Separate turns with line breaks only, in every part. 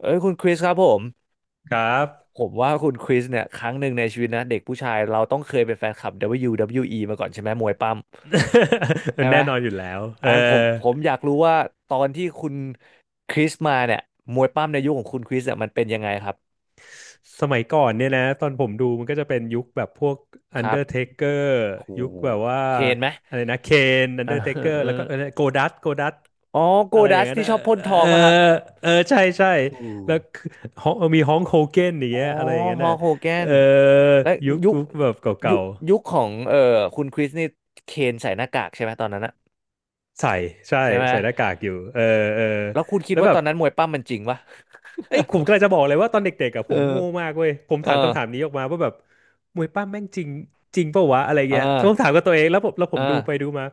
เอ้ยคุณคริสครับผม
ครับ
ผมว่าคุณคริสเนี่ยครั้งหนึ่งในชีวิตนะเด็กผู้ชายเราต้องเคยเป็นแฟนคลับ WWE มาก่อนใช่ไหมมวยปั้มใช่ ไหม
แน่นอนอยู่แล้วเอ
อ่ะผม
อ
ผมอยากรู้ว่าตอนที่คุณคริสมาเนี่ยมวยปั้มในยุคของคุณคริสเนี่ยมันเป็นยังไงครับ
สมัยก่อนเนี่ยนะตอนผมดูมันก็จะเป็นยุคแบบพวก
ครับ
Undertaker
โอ้
ยุค
โห
แบบว่า
เคนไหม
อะไรนะเคน
อ่าเออ
Undertaker
เออ
แล้วก็โกดัตโกดัต
อ๋อโก
อะไรอ
ดั
ย่าง
ส
นั้น
ที่
นะ
ชอบพ่นทอ
เอ
ง
อ
มาครับ
เออใช่ใช่
ถูก
แล้ว คือฮองมีฮองโฮเกนอย่าง
อ๋อ
เงี้ยอะไรอย่างนั้น
ฮอ
นะ
ลโฮแก
เอ
น
อ
และ
ยุค
ยุค
ยุคแบบ
ยุ
เก่า
คยุคของคุณคริสนี่เคนใส่หน้ากากใช่ไหมตอนนั้นอะ
ๆใส่ใช่
ใช่ไหม
ใส่หน้ากากอยู่เออเออ
แล้วคุณคิด
แล้ว
ว่า
แบ
ตอ
บ
นนั้นมวยปั้มมันจริงปะ
เอ้ยผมกำลังจะบอกเลยว่าตอนเด็กๆอะ
เ
ผม
ออ
โง่มากเว้ยผม
เออ
ถามคำถามนี้ออกมาว่าแบบมวยปั้มแม่งจริงจริงเปล่าวะอะไร
เออ
เงี้ยต้องถามกับตัวเองแล้วผมแล้วผ
เออ
มดูไปดูมา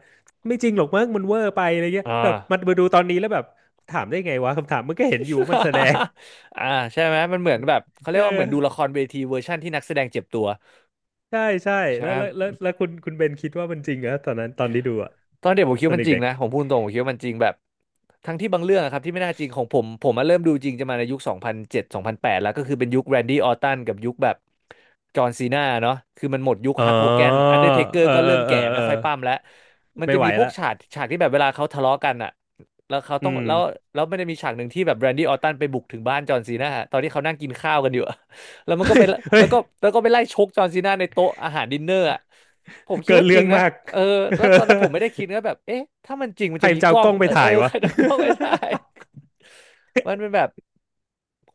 ไม่จริงหรอกมั้งมันเวอร์ไปอะไรเงี้ย
เอ
แบบมัน
อ
มาดูตอนนี้แล้วแบบถามได้ไงวะคำถามมันก็เห็นอยู่ว่ามันแสดง
อ่าใช่ไหม มันเหมือนแบบเขาเรี
เอ
ยกว่าเหมือ
อ
นดูละครเวทีเวอร์ชั่นที่นักแสดงเจ็บตัว
ใช่ใช่
ใช่
แล้
ไหม
วแล้วแล้วแล้วคุณเบนคิดว่ามันจริงเหรอตอนนั้นตอนที่ดูอะ
ตอนเด็กผมคิด
ตอน
ว่ามันจริ
เด็
ง
ก
นะผมพูดตรงผมคิดว่ามันจริงแบบทั้งที่บางเรื่องอะครับที่ไม่น่าจริงของผมมาเริ่มดูจริงจะมาในยุคสองพันเจ็ดสองพันแปดแล้วก็คือเป็นยุคแรนดี้ออรตันกับยุคแบบจอห์นซีนาเนาะคือมันหมดยุค
ๆอ๋
ฮักโฮแกน
อ
อันเดอร์เทเกอ
เอ
ร์
อ
ก็
เอ
เริ่
อ
ม
เอ
แก่
อเอ
ไม่
อ
ค่อยปั้มแล้วมัน
ไม่
จะ
ไหว
มีพวก
ละ
ฉากที่แบบเวลาเขาทะเลาะกันอะแล้วเขา
อื
ต้องแล้ว
ม
แล้วมันจะมีฉากหนึ่งที่แบบแรนดี้ออรตันไปบุกถึงบ้านจอห์นซีนาตอนที่เขานั่งกินข้าวกันอยู่อะแล้วมัน
เฮ้
ก็ไป
ยเฮ้
แล้
ย
วก็แล้วก็ไปไล่ชกจอห์นซีนาในโต๊ะอาหารดินเนอร์อะ ผมคิด
เกิน
ว่าจ
เรื่อ
ริง
ง
นะ
มาก
เออแล้วตอนนั้นผมไม่ได้คิดนะแบบเอ๊ะถ้ามันจริงมัน
ใคร
จะมี
จะ
ก
เอา
ล้อ
ก
ง
ล้องไป
เออเอ
ถ่า
อ
ย
ใค
วะ
รจะเอากล้องไปถ่าย มันเป็นแบบ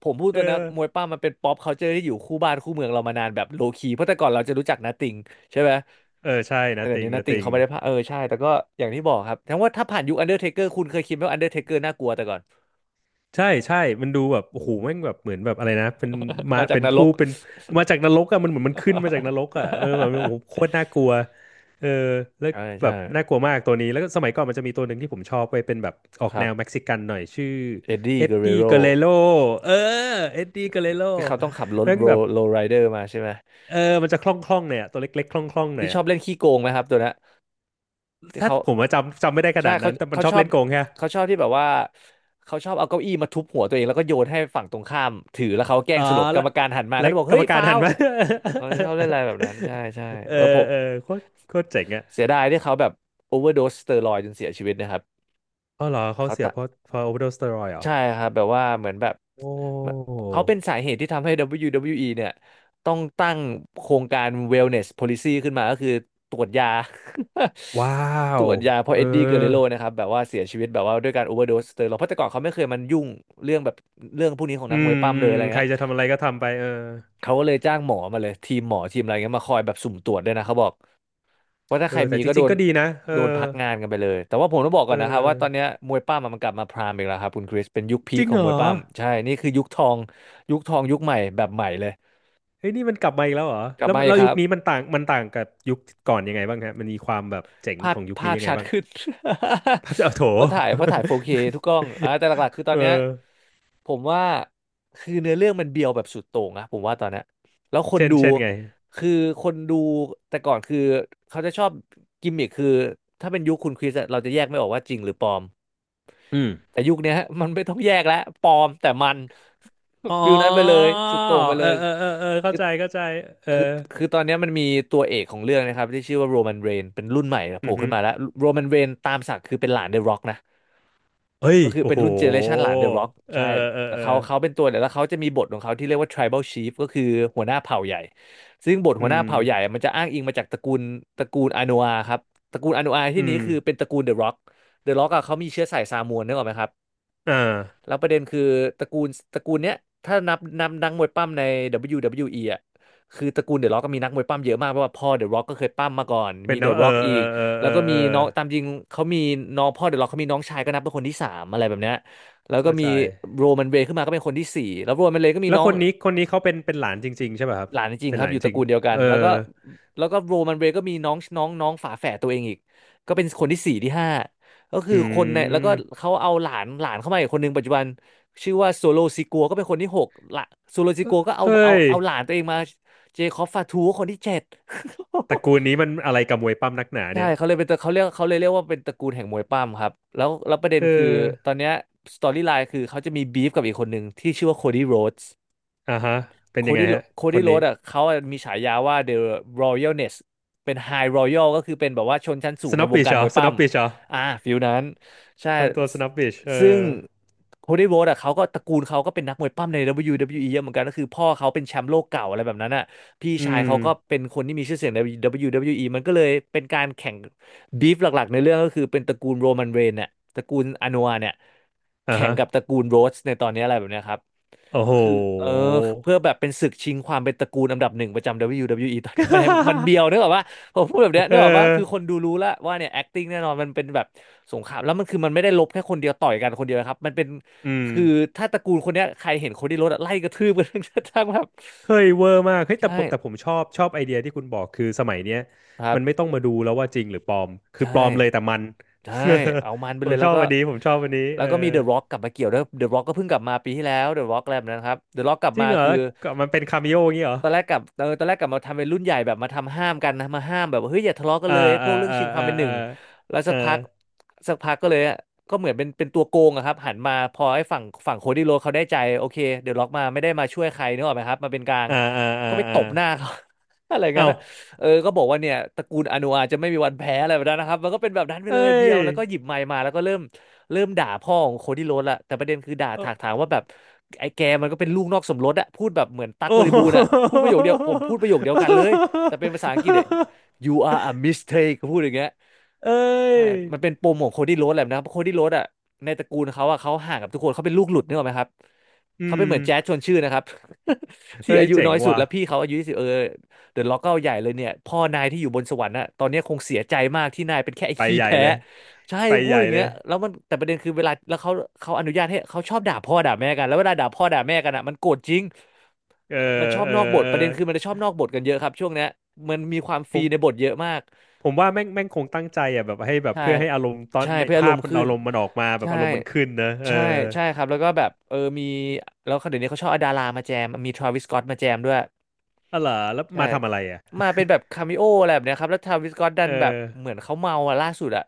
ผมพูด
เออ
ตัวนะมวยปั้มมันเป็นป๊อปคัลเจอร์ที่อยู่คู่บ้านคู่เมืองเรามานานแบบโลคีเพราะแต่ก่อนเราจะรู้จักนาติงใช่ไหม
เออใช่
ใช่
นะ
แต่
ติ
เดี๋ยว
ง
นี้นา
นะ
ติง
ติง
เขาไม่ได้พาเออใช่แต่ก็อย่างที่บอกครับทั้งว่าถ้าผ่านยุคอันเดอร์เทเกอร์คุณเคยคิดไหมว่าอันเดอร์เทเกอร์น่ากลัวแต่ก่อน
ใช่ใช่มันดูแบบโอ้โหแม่งแบบเหมือนแบบอะไรนะเป็น มา
มาจาก
เป็น
นร
ผู้
ก
เป็นมาจากนรกอะมันเหมือนมันขึ้นมาจากนรกอะเออแบบโอ้โหโคตรน่าก ลัวเออแล้ว
ใช่
แบ
ใช่
บน่ากลัวมากตัวนี้แล้วก็สมัยก่อนมันจะมีตัวหนึ่งที่ผมชอบไปเป็นแบบออก
ครั
แนวเม็ก
บ
ซิกันหน่อยชื่อ
เอ็ดดี้
เอ็
เก
ด
เร
ดี้
โร
เกเรโลเออเอ็ดดี้เกเรโล
ที่เขาต้องขับรถ
แม่ง
โร
แบบ
โรไรเดอร์มาใช่ไหม
เออมันจะคล่องๆหน่อยอะตัวเล็กๆคล่องๆหน่
ที่
อย
ชอ
อะ
บเล่นขี้โกงไหมครับตัวเนี้ยที่
ถ้า
เขา
ผมว่าจำจำไม่ได้ข
ใช่
นาด
เขา
นั้นแต่มัน
เขา
ชอ
ช
บ
อบ
เล่นโกงแค่
เขาชอบที่แบบว่าเขาชอบเอาเก้าอี้มาทุบหัวตัวเองแล้วก็โยนให้ฝั่งตรงข้ามถือแล้วเขาแกล้
อ๋
ง
อ
สลบกร
แล้ว
รมการหันมาก็
และ
จะบอก
กร
เฮ้
รม
ย
การ
ฟา
หั
ว
น
ล์
มา
เออชอบเล่นอะไรแบบนั้นใช่ใช่
เอ
แล้วผ
อ
ม
เออโคตรโคตรเจ๋งอ่ะ
เสียดายที่เขาแบบโอเวอร์โดสสเตียรอยด์จนเสียชีวิตนะครับ
อ๋อเหรอเขา
เขา
เสีย
ตะ
เพราะเพราะโอเวอร์โดสเตียรอยด์เหรอ
ใช่ครับแบบว่าเหมือนแบบ
โอ้
เขาเป็นสาเหตุที่ทำให้ WWE เบิลยูดับเบิลยูอีเนี่ยต้องตั้งโครงการ Wellness Policy ขึ้นมาก็คือตรวจยา
ว้า
ตร
ว
วจยาเพราะ
เออ
เอ็ดดี้เกเรโรนะครับแบบว่าเสียชีวิตแบบว่าด้วยการโอเวอร์โดสสเตียรอยด์เพราะแต่ก่อนเขาไม่เคยมันยุ่งเรื่องแบบเรื่องพวกนี้ของ
อื
นักมว
ม
ยปั้ม
อื
เลย
ม
อะไร
ใคร
เงี้ย
จะทำอะไรก็ทำไปเออ
เขาก็เลยจ้างหมอมาเลยทีมหมอทีมอะไรเงี้ยมาคอยแบบสุ่มตรวจด้วยนะเขาบอก เพราะถ้า
เอ
ใคร
อแต่
มี
จ
ก็โด
ริงๆ
น
ก็ดีนะเอ
โดน
อ
พักงานกันไปเลยแต่ว่าผมต้องบอก
เอ
ก่อนนะครับว่าตอนเนี้
อ
ยมวยปั้มอะมันกลับมาพรามอีกแล้วครับคุณคริสเป็นยุคพี
จ
ค
ริง
ขอ
เห
ง
ร
มว
อ
ยปั้มใช่นี่คือยุคทองยุคทองยุคใหม่แบบใหม่เลย
เฮ้ยนี่มันกลับมาอีกแล้วเหรอ
กลับ
แล้ว
มาอี
แล้
ก
ว
ค
ยุ
รั
ค
บ
นี้มันต่างมันต่างกับยุคก่อนยังไงบ้างฮะมันมีความแบบเจ๋ง
ภา
ข
พ
องยุค
ภา
นี้
พ
ยังไง
ชัด
บ้าง
ขึ้น
พระ เจ้าโถ
เพราะถ่าย 4K ทุกกล้องอ่าแต่หลักๆคือ ตอ
เอ
น
อ
เนี้ยผมว่าคือเนื้อเรื่องมันเบียวแบบสุดโต่งนะผมว่าตอนเนี้ยแล้วคน
เช่น
ดู
เช่นไง
คือคนดูแต่ก่อนคือเขาจะชอบกิมมิคคือถ้าเป็นยุคคุณคริสอะเราจะแยกไม่ออกว่าจริงหรือปลอม
อืม
แต่ยุคเนี้ยฮะมันไม่ต้องแยกแล้วปลอมแต่มัน
อ๋อ
ฟิลนั้นไปเลยสุดโต่งไปเล
เออ
ย
เออเออเออเข้า
คือ
ใจเข้าใจเออ
คือคือตอนเนี้ยมันมีตัวเอกของเรื่องนะครับที่ชื่อว่าโรแมนเรนเป็นรุ่นใหม่โผ
อื
ล่
อฮึ
ขึ้นมาแล้วโรแมนเรนตามศักดิ์คือเป็นหลานเดอะร็อกนะ
เฮ้ย
ก็คือ
โอ้
เป็น
โห
รุ่นเจเนอเรชันหลานเดอะร็อก
เออ
ใช่
เออ
แต่
เออเออ
เขาเป็นตัวเนี่ยแล้วเขาจะมีบทของเขาที่เรียกว่า tribal chief ก็คือหัวหน้าเผ่าใหญ่ซึ่งบท
อื
หัวหน้า
ม
เผ่าใหญ่อะมันจะอ้างอิงมาจากตระกูลอาโนอาครับตระกูลอาโนอา
อื
ที่นี้
ม
คือเป็นตระกูลเดอะร็อกเดอะร็อกอะเขามีเชื้อสายซามูนนึกออกไหมครับ
อ่า
แล้วประเด็นคือตระกูลเนี้ยถ้านับนักมวยปั้มใน WWE ออ่ะคือตระกูลเดอะร็อกก็มีนักมวยปั้มเยอะมากเพราะว่าพ่อเดอะร็อกก็เคยปั้มมาก่อน
เป็
มี
น
เด
นะ
อะ
เอ
ร็
อ
อกอี
เออ
ก
เออ
แล้
เอ
ว
อ
ก็
เอ
มี
อ
น้องตามจริงเขามีน้องพ่อเดอะร็อกเขามีน้องชายก็นับเป็นคนที่สามอะไรแบบเนี้ยแล้วก็
เข้า
มี
ใจ
โรมันเรย์ขึ้นมาก็เป็นคนที่สี่แล้วโรมันเรย์ก็มี
แล้ว
น้อ
ค
ง
นนี้คนนี้เขาเป็นเป็นหลานจริงๆใช่ป่ะครับ
หลานจริง
เป็
ๆ
น
ค
ห
รับ
ลาน
อยู่ต
จ
ระ
ริง
กูลเดียวกั
เอ
น
อ
แล้วก็โรมันเรย์ก็มีน้องน้องน้องฝาแฝดตัวเองอีกก็เป็นคนที่สี่ที่ห้าก็คื
อื
อคนในแล้วก็
ม
เขาเอาหลานหลานเข้ามาอีกคนหนึ่งปัจจุบันชื่อว่าโซโลซิกัวก็เป็นคนที่หกละโซโลซิกัวก็
เฮ้ย
เอาหลานตัวเองมาเจคอบฟาทูก็คนที่เจ็ด
ตระกูลนี้มันอะไรกับมวยปั้มนักหนา
ใช่
เนี่ย
เขาเลยเป็นตระเขาเรียกเขาเลยเรียกว่าเป็นตระกูลแห่งมวยปั้มครับแล้วประเด็น
เอ
คือตอ
อ
นเนี้ยสตอรี่ไลน์คือเขาจะมีบีฟกับอีกคนหนึ่งที่ชื่อว่า
อ่าฮะเป็น
โค
ยังไง
ดี้
ฮะคน
โร
นี้
ดอ่ะเขาอะมีฉายาว่า The Royalness เป็น High Royal ก็คือเป็นแบบว่าชนชั้นสู
ส
งใน
โนว์
ว
บิ
ง
ช
การ
เหรอ
มวย
ส
ปั้
โน
ม
ว์บิชเหรอ
อ่าฟิลนั้นใช่
ทำตัว
ซ
สโนว์บิชเอ
ซึ่ง
อ
โคดี้โรดอ่ะเขาก็ตระกูลเขาก็เป็นนักมวยปั้มใน WWE เบิลยดับเบิลยูอเยอะเหมือนกันก็คือพ่อเขาเป็นแชมป์โลกเก่าอะไรแบบนั้นอ่ะพี่
อื
ชาย
ม
เขาก็เป็นคนที่มีชื่อเสียงใน WWE มันก็เลยเป็นการแข่งบีฟหลักๆในเรื่องก็คือเป็นตระกูลโรมันเรนเนี่ยตระกูลอ n นัวเนี่ย
อ่า
แข่ง
ฮะ
กับตระกูลโรสในตอนนี้อะไรแบบเนี้ยครับ
โอ้
ก็
โห
คือเออเพื่อแบบเป็นศึกชิงความเป็นตระกูลอันดับหนึ่งประจำ WWE ตอนเนี้ยมันเบี ยวนึกออกว่าผมพูดแบบเนี้ย
เอ
นึกออกว่า
อ
คือคนดูรู้แล้วว่าเนี่ย acting แน่นอนมันเป็นแบบสงครามแล้วมันคือมันไม่ได้ลบแค่คนเดียวต่อยกันคนเดียวนะครับมันเป็น
อืม
คือถ้าตระกูลคนเนี้ยใครเห็นคนที่รถอะไล่กระทืบกัน ทั้ง แบบ
เฮ้ยเวอร์มากเฮ้ยแต่
ใช่
ผมชอบไอเดียที่คุณบอกคือสมัยเนี้ย
ครับ
มันไม่ต้องมาดูแล้วว่าจริงหรือปลอมคือ
ใช่
ปลอมเลยแต่มัน
ใช่เอามันไป
ผ
เล
ม
ย
ช
แล้ว
อบ
ก็
วันนี้ผมชอบวันนี้เออ
มีเดอะร็อกกลับมาเกี่ยวด้วยเดอะร็อกก็เพิ่งกลับมาปีที่แล้วเดอะร็อกอะไรแบบนั้นครับเดอะร็อกกลับ
จริ
มา
งเหรอ
คือ
แล้วก็มันเป็นคาเมโออย่างงี้เหรอ
ตอนแรกกลับมาทำเป็นรุ่นใหญ่แบบมาทำห้ามกันนะมาห้ามแบบว่าเฮ้ยอย่าทะเลาะกั
เอ
น
อ
เลย
เอ
พ
อ
วกเรื่อง
เออ
ชิงความเป็นห
เอ
นึ่
อ
งแล้ว
เอ
สั
อ
กพักก็เลยอะก็เหมือนเป็นตัวโกงอะครับหันมาพอไอ้ฝั่งโคดี้โรดเขาได้ใจโอเคเดี๋ยวล็อกมาไม่ได้มาช่วยใครนึกออกไหมครับมาเป็นกลาง
เออเออเออ
ก็ไป
เอ
ต
อ
บ
เอ
หน้า
อ
เขา อะไรงั้
เอ้า
นอะเออก็บอกว่าเนี่ยตระกูลอนุอาจจะไม่มีวันแพ้อะไรแบบนั้นนะครับมันก็เป็นแบบนั้นไป
เอ้
เลยเบีย
ย
วแล้วก็หยิบไมค์มาแล้วก็เริ่มด่าพ่อของโคดี้โรดละแต่ประเด็นคือด่าถากถาง
โอ้
ว่าแบบ ไอ้แกมันก็เป็นลูกนอกสมรสอะพูดแบบเหมือนตั๊ก
โอ้
บริบูรณ์อะพูดประโยคเดียวผมพูดประโยคเดียวกันเลยแต่เป็นภาษาอังกฤษอะ you are a mistake เขาพูดอย่างเงี้ย
เอ้
ใช่
ย
มันเป็นปมของโคดี้โรดแหละนะเพราะโคดี้โรดอะในตระกูลเขาอะเขาห่างกับทุกคนเขาเป็นลูกหลุดนึกออกไหมครับ
อื
เขาเป็น
ม
เหมือนแจ๊สชวนชื่นนะครับ ที่
เฮ้ย
อายุ
เจ๋
น้
ง
อยสุด
ว่ะ
แล้วพี่เขาอายุยี่สิบเออเดอะล็อกก็เอาใหญ่เลยเนี่ยพ่อนายที่อยู่บนสวรรค์อะตอนเนี้ยคงเสียใจมากที่นายเป็นแค่ไอ้
ไป
ขี้
ใหญ่
แพ้
เลย
ใช่
ไป
พู
ให
ด
ญ่
อย่าง
เล
เงี้ย
ย
แล้วมันแต่ประเด็นคือเวลาแล้วเขาเขาอนุญาตให้เขาชอบด่าพ่อด่าแม่กันแล้วเวลาด่าพ่อด่าแม่กันอะมันโกรธจริง
เออ
มันชอบ
เออ
นอกบท
เอ
ประ
อ
เด็นคือมันจะชอบนอกบทกันเยอะครับช่วงเนี้ยมันมีความฟ
ผ
รี
ม
ในบทเยอะมาก
ผมว่าแม่งแม่งคงตั้งใจอ่ะแบบให้แบบ
ใช่
เพื่อให้อารมณ์ตอน
ใช่
ใน
เพื่ออาร
ภาพ
มณ์
มัน
ขึ้
อา
น
รมณ์มันออกมาแบบ
ใช่
อารมณ์มันขึ้นนะ เออ
ใช่ ใช่ครับ แล้วก็แบบ มี แล้วเดี๋ยวนี้เขาชอบเอาดารามาแจม มีทร a วิส s ก็ t ตมาแจมด้วย
อะเหรอแล้ว
ใช่
มาทำอะไรอ่ะ
มาเป็นแบบคาเมโออะไรแบบเนี้ยครับแล้วทาวิสก็อตดั
เอ
นแบบเหมื
อ
อนเขาเมาอะล่าสุดอะ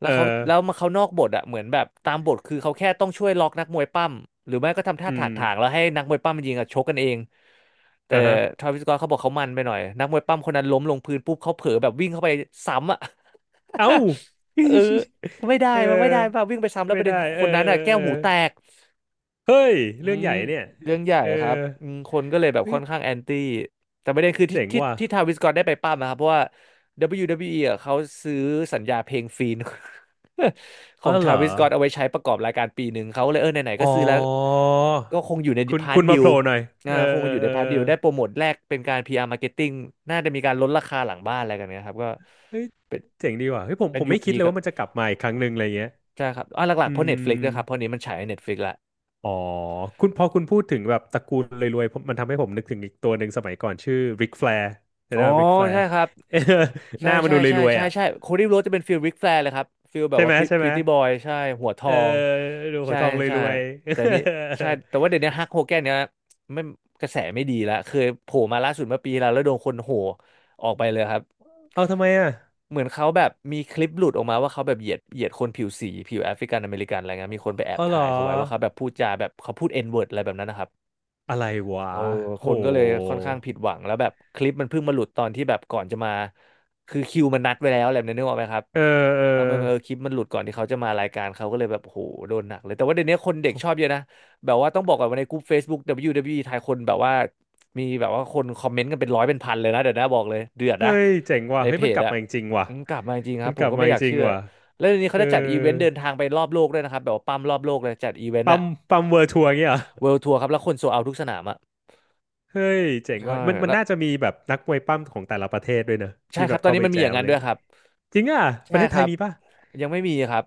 แล้
เออ
วเขาแล้วมาเขานอกบทอะเหมือนแบบตามบทคือเขาแค่ต้องช่วยล็อกนักมวยปั้มหรือไม่ก็ทำท่า
อื
ถาก
ม
ถางแล้วให้นักมวยปั้มมันยิงอ่ะชกกันเองแต่
อ่ะฮะ
ทาวิสก็อตเขาบอกเขามันไปหน่อยนักมวยปั้มคนนั้นล้มลงพื้นปุ๊บเขาเผลอแบบวิ่งเข้าไปซ้ำอะ
เอ้า
เออ ไม่ได้
เออ
มันไม่ได้ป่ะวิ่งไปซ้ำแล้วป
ไม่
ระเด็
ได้
น
เอ
ค
อ
นนั้นอะแก้
เออเอ
วหูแตก
อเฮ้ย
อื
เรื่องให
ม
ญ่เนี่ย
เรื่องใหญ่
เออ
ครับอืมคนก็เลยแบบ
เฮ้
ค่
ย
อนข้างแอนตี้แต่ประเด็นคือที่
เจ๋ง
ที่
ว่ะ
ที่ทาวิสกอตได้ไปปั้มนะครับเพราะว่า WWE ออ่ะเขาซื้อสัญญาเพลงฟรี นขอ
อ๋อ
ง
เห
ทา
รอ
วิสกอตเอาไว้ใช้ประกอบรายการปีหนึ่งเขาก็เลยเออไหนๆ
อ๋
ก็
อ
ซื้อแล้วก็คงอยู่ใน
คุณ
พาร์ท
คุณ
ดิ
มาโผ
ล
ล่หน่อย
อ่า
เออ
คง
เอ
มา
อ
อยู่ใน
เออ
พาร์ทดิลได้โปรโมทแรกเป็นการ PR Marketing น่าจะมีการลดราคาหลังบ้านอะไรกันเนะครับก็
เฮ้ย
เป็น
เจ๋งดีว่ะเฮ้ยผม
เป็
ผ
น
ม
ยุ
ไม่
ค
คิด
พี
เลย
กับ
ว่ามันจะกลับมาอีกครั้งหนึ่งอะไรเงี้ย
ใช่ครับอ่าหลั
อื
กๆเพราะ
ม
Netflix ด้วยครับเพราะนี้มันฉายใน Netflix ละ
อ๋อคุณพอคุณพูดถึงแบบตระกูลรวยๆผมมันทำให้ผมนึกถึงอีกตัวหนึ่งสมัยก่อนชื่อริกแฟร์นะ
อ๋อ
ครัริกแฟ
ใช่
ร์
ครับ
ห
ใช่
น้ามัน
ใช่
ดูร
ใช่
วย
ใช่
ๆอ่ะ
ใช่โคดี้โรดจะเป็นฟิลริกแฟร์เลยครับฟิลแบ
ใช่
บว่า
ไหม ใช่ไหม
Pretty Boy ใช่หัวท
เอ
อ
อ
ง
ดูหั
ใช่
วทองร
ใช่
วย
แต่นี่
ๆ
ใช่แต่ว่าเดี๋ยวนี้ฮักโฮแกนเนี่ยไม่กระแสไม่ดีแล้วเคยโผล่มาล่าสุดเมื่อปีที่แล้วแล้วโดนคนโห่ออกไปเลยครับ
เอาทำไมอ่ะ
เหมือนเขาแบบมีคลิปหลุดออกมาว่าเขาแบบเหยียดคนผิวสีผิวแอฟริกันอเมริกันอะไรเงี้ยมีคนไปแอบ
อ๋อเหร
ถ่าย
อ
เขาไว้ว่าเขาแบบพูดจาแบบเขาพูด N word อะไรแบบนั้นนะครับ
อะไรวะ
เออค
โห
นก็เลยค่อนข้างผิดหวังแล้วแบบคลิปมันเพิ่งมาหลุดตอนที่แบบก่อนจะมาคือคิวมันนัดไว้แล้วอะไรแบบนี้นึกออกไหมครับ
เออเออ
แล้วมันเออคลิปมันหลุดก่อนที่เขาจะมารายการเขาก็เลยแบบโหโดนหนักเลยแต่ว่าเดี๋ยวนี้คนเด็กชอบเยอะนะแบบว่าต้องบอกก่อนว่าในกลุ่ม Facebook WWE ไทยคนแบบว่ามีแบบว่าคนคอมเมนต์กันเป็นร้อยเป็นพันเลยนะเดี๋ยวนะบอกเลยเดือด
เฮ้
นะ
ยเจ๋งว่ะ
ใน
เฮ้ย
เพ
มัน
จ
กลับ
อะ
มาจริงๆว่ะ
อืมกลับมาจริงค
มั
รั
น
บผ
กลั
ม
บ
ก็
มา
ไม่
จ
อยาก
ริง
เชื่อ
ๆว่ะ
แล้วเดี๋ยวนี้
เอ
เขา
อ
จะจัดอีเวนต์เดินทางไปรอบโลกด้วยนะครับแบบว่าปั้มรอบโลกเลยจัดอีเวนต์
ปั๊
อะ
มปั๊มเวิร์ทัวร์เงี้ยเหรอ
เวิลด์ทัวร์ครับแล้วคนโซเอาทุกสนามอะ
เฮ้ยเจ๋ง
ใช่
ว่ะมันมัน
แล้ว
น่าจะมีแบบนักมวยปั้มของแต่ละประเทศด้วยเนอะ
ใช่
ที่
ค
แบ
รั
บ
บตอน
เข้า
นี้
ไป
มัน
แจ
มีอย่าง
ม
นั้น
เล
ด้
ย
วยครับ
จริงอ่ะป
ใช่
ระเทศ
ค
ไท
รั
ย
บ
มีป่ะ
ยังไม่มีครับ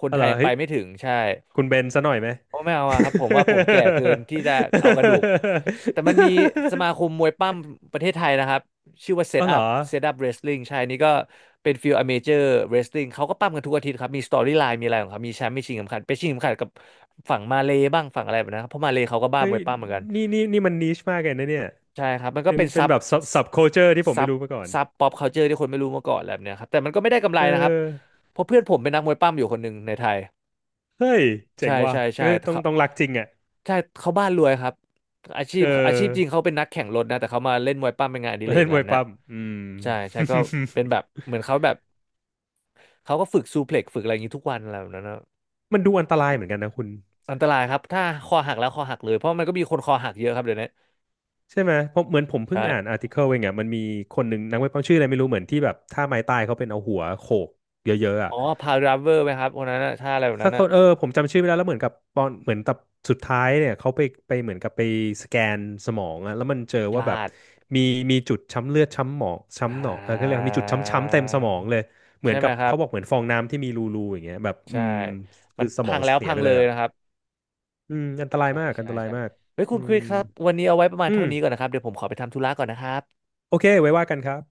คน
เอา
ไท
เหร
ย
อ
ยังไป
เฮ้ย
ไม่ถึงใช่
คุณเบนซะหน่อยไหม
เพราะไม่เอาอะครับผมว่าผมแก่เกินที่จะเอากระดูกแต่มันมีสมาคมม วยปั้มประเทศไทยนะครับชื่อว่า Set
เอา เหร
Up
อ
Set Up Wrestling ใช่นี่ก็เป็นฟิลอเมเจอร์ Wrestling เขาก็ปั้มกันทุกอาทิตย์ครับมีสตอรี่ไลน์มีอะไรของเขามีแชมป์มีชิงเข็มขัดไปชิงเข็มขัดกับฝั่งมาเลย์บ้างฝั่งอะไรแบบนั้นครับเพราะมาเลย์เขาก็บ้า
เฮ้
ม
ย
วยปั้มเหมือนกัน
นี่มันนิชมากเลยนะเนี่ย
ใช่ครับมันก็
เป็น
เป็น
เป็นแบบ sub culture ที่ผม
ซั
ไม่
บ
รู้มาก่อน
ซับป๊อปคัลเจอร์ที่คนไม่รู้มาก่อนอะไรแบบเนี้ยครับแต่มันก็ไม่ได้กำไร
เ
นะครับ
ออ
เพราะเพื่อนผมเป็นนักมวยปั้มอยู่คนหนึ่งในไทย
เฮ้ยเจ๋
ใช่
งว่ะ
ใช่
ก็
ใช่
คือต้อง
เขา
ต้องรักจริงอ่ะ
ใช่เขาบ้านรวยครับอาชี
เอ
พอาชีพจริง
อ
เขาเป็นนักแข่งรถนะแต่เขามาเล่นมวยปั้มเป็นงานอดิ
มา
เรก
เล่
อะ
น
ไร
มว
แบ
ย
บวนะ
ปั้มอืม
ใช่ใช่ ก็เป็นแบบเหมือนเขาแบบเขาก็ฝึกซูเพล็กซ์ฝึกอะไรอย่างนี้ทุกวันอะไรแบบนั้นนะ
มันดูอันตรายเหมือนกันนะคุณ
อันตรายครับถ้าคอหักแล้วคอหักเลยเพราะมันก็มีคนคอหักเยอะครับเดี๋ยวนี้
ใช่ไหมเพราะเหมือนผมเพิ่งอ่าน
ใช่
อาร์ติเคิลเองอ่ะมันมีคนหนึ่งนักมวยปั้มชื่ออะไรไม่รู้เหมือนที่แบบท่าไม้ตายเขาเป็นเอาหัวโขกเยอะๆอ่ะ
อ๋อพาวดรเวอร์ไหมครับคนนั้นน่ะถ้าอะไรแบบ
สั
นั้
ก
น
ค
น่ะ
นเออผมจำชื่อไม่ได้แล้วเหมือนกับตอนเหมือนตับสุดท้ายเนี่ยเขาไปไปเหมือนกับไปสแกนสมองอ่ะแล้วมันเจอ
พ
ว่าแบ
ลา
บ
ด
มีมีจุดช้ำเลือดช้ำหมอง
อ่
ช้ำหนองเออก็เลยกว่า
า
มีจุดช้ำๆเต็มสมองเลยเหมื
ใช่
อน
ไหม
กับ
ครับ
เขาบอกเหมือนฟองน้ำที่มีรูๆอย่างเงี้ยแบบอื
ใช่
ม
มั
คื
น
อสม
พั
อง
งแล้ว
เสีย
พัง
ไป
เล
เลย
ย
อ่ะ
นะครับ
อืมอันตราย
ใช่
มากอัน
ใช่
ตราย
ใช่
มาก
เฮ้ยคุ
อื
ณคุ
ม
ยครับวันนี้เอาไว้ประมาณ
อื
เท่า
ม
นี้ก่อนนะครับเดี๋ยวผมขอไปทำธุระก่อนนะครับ
โอเคไว้ว่ากันครับ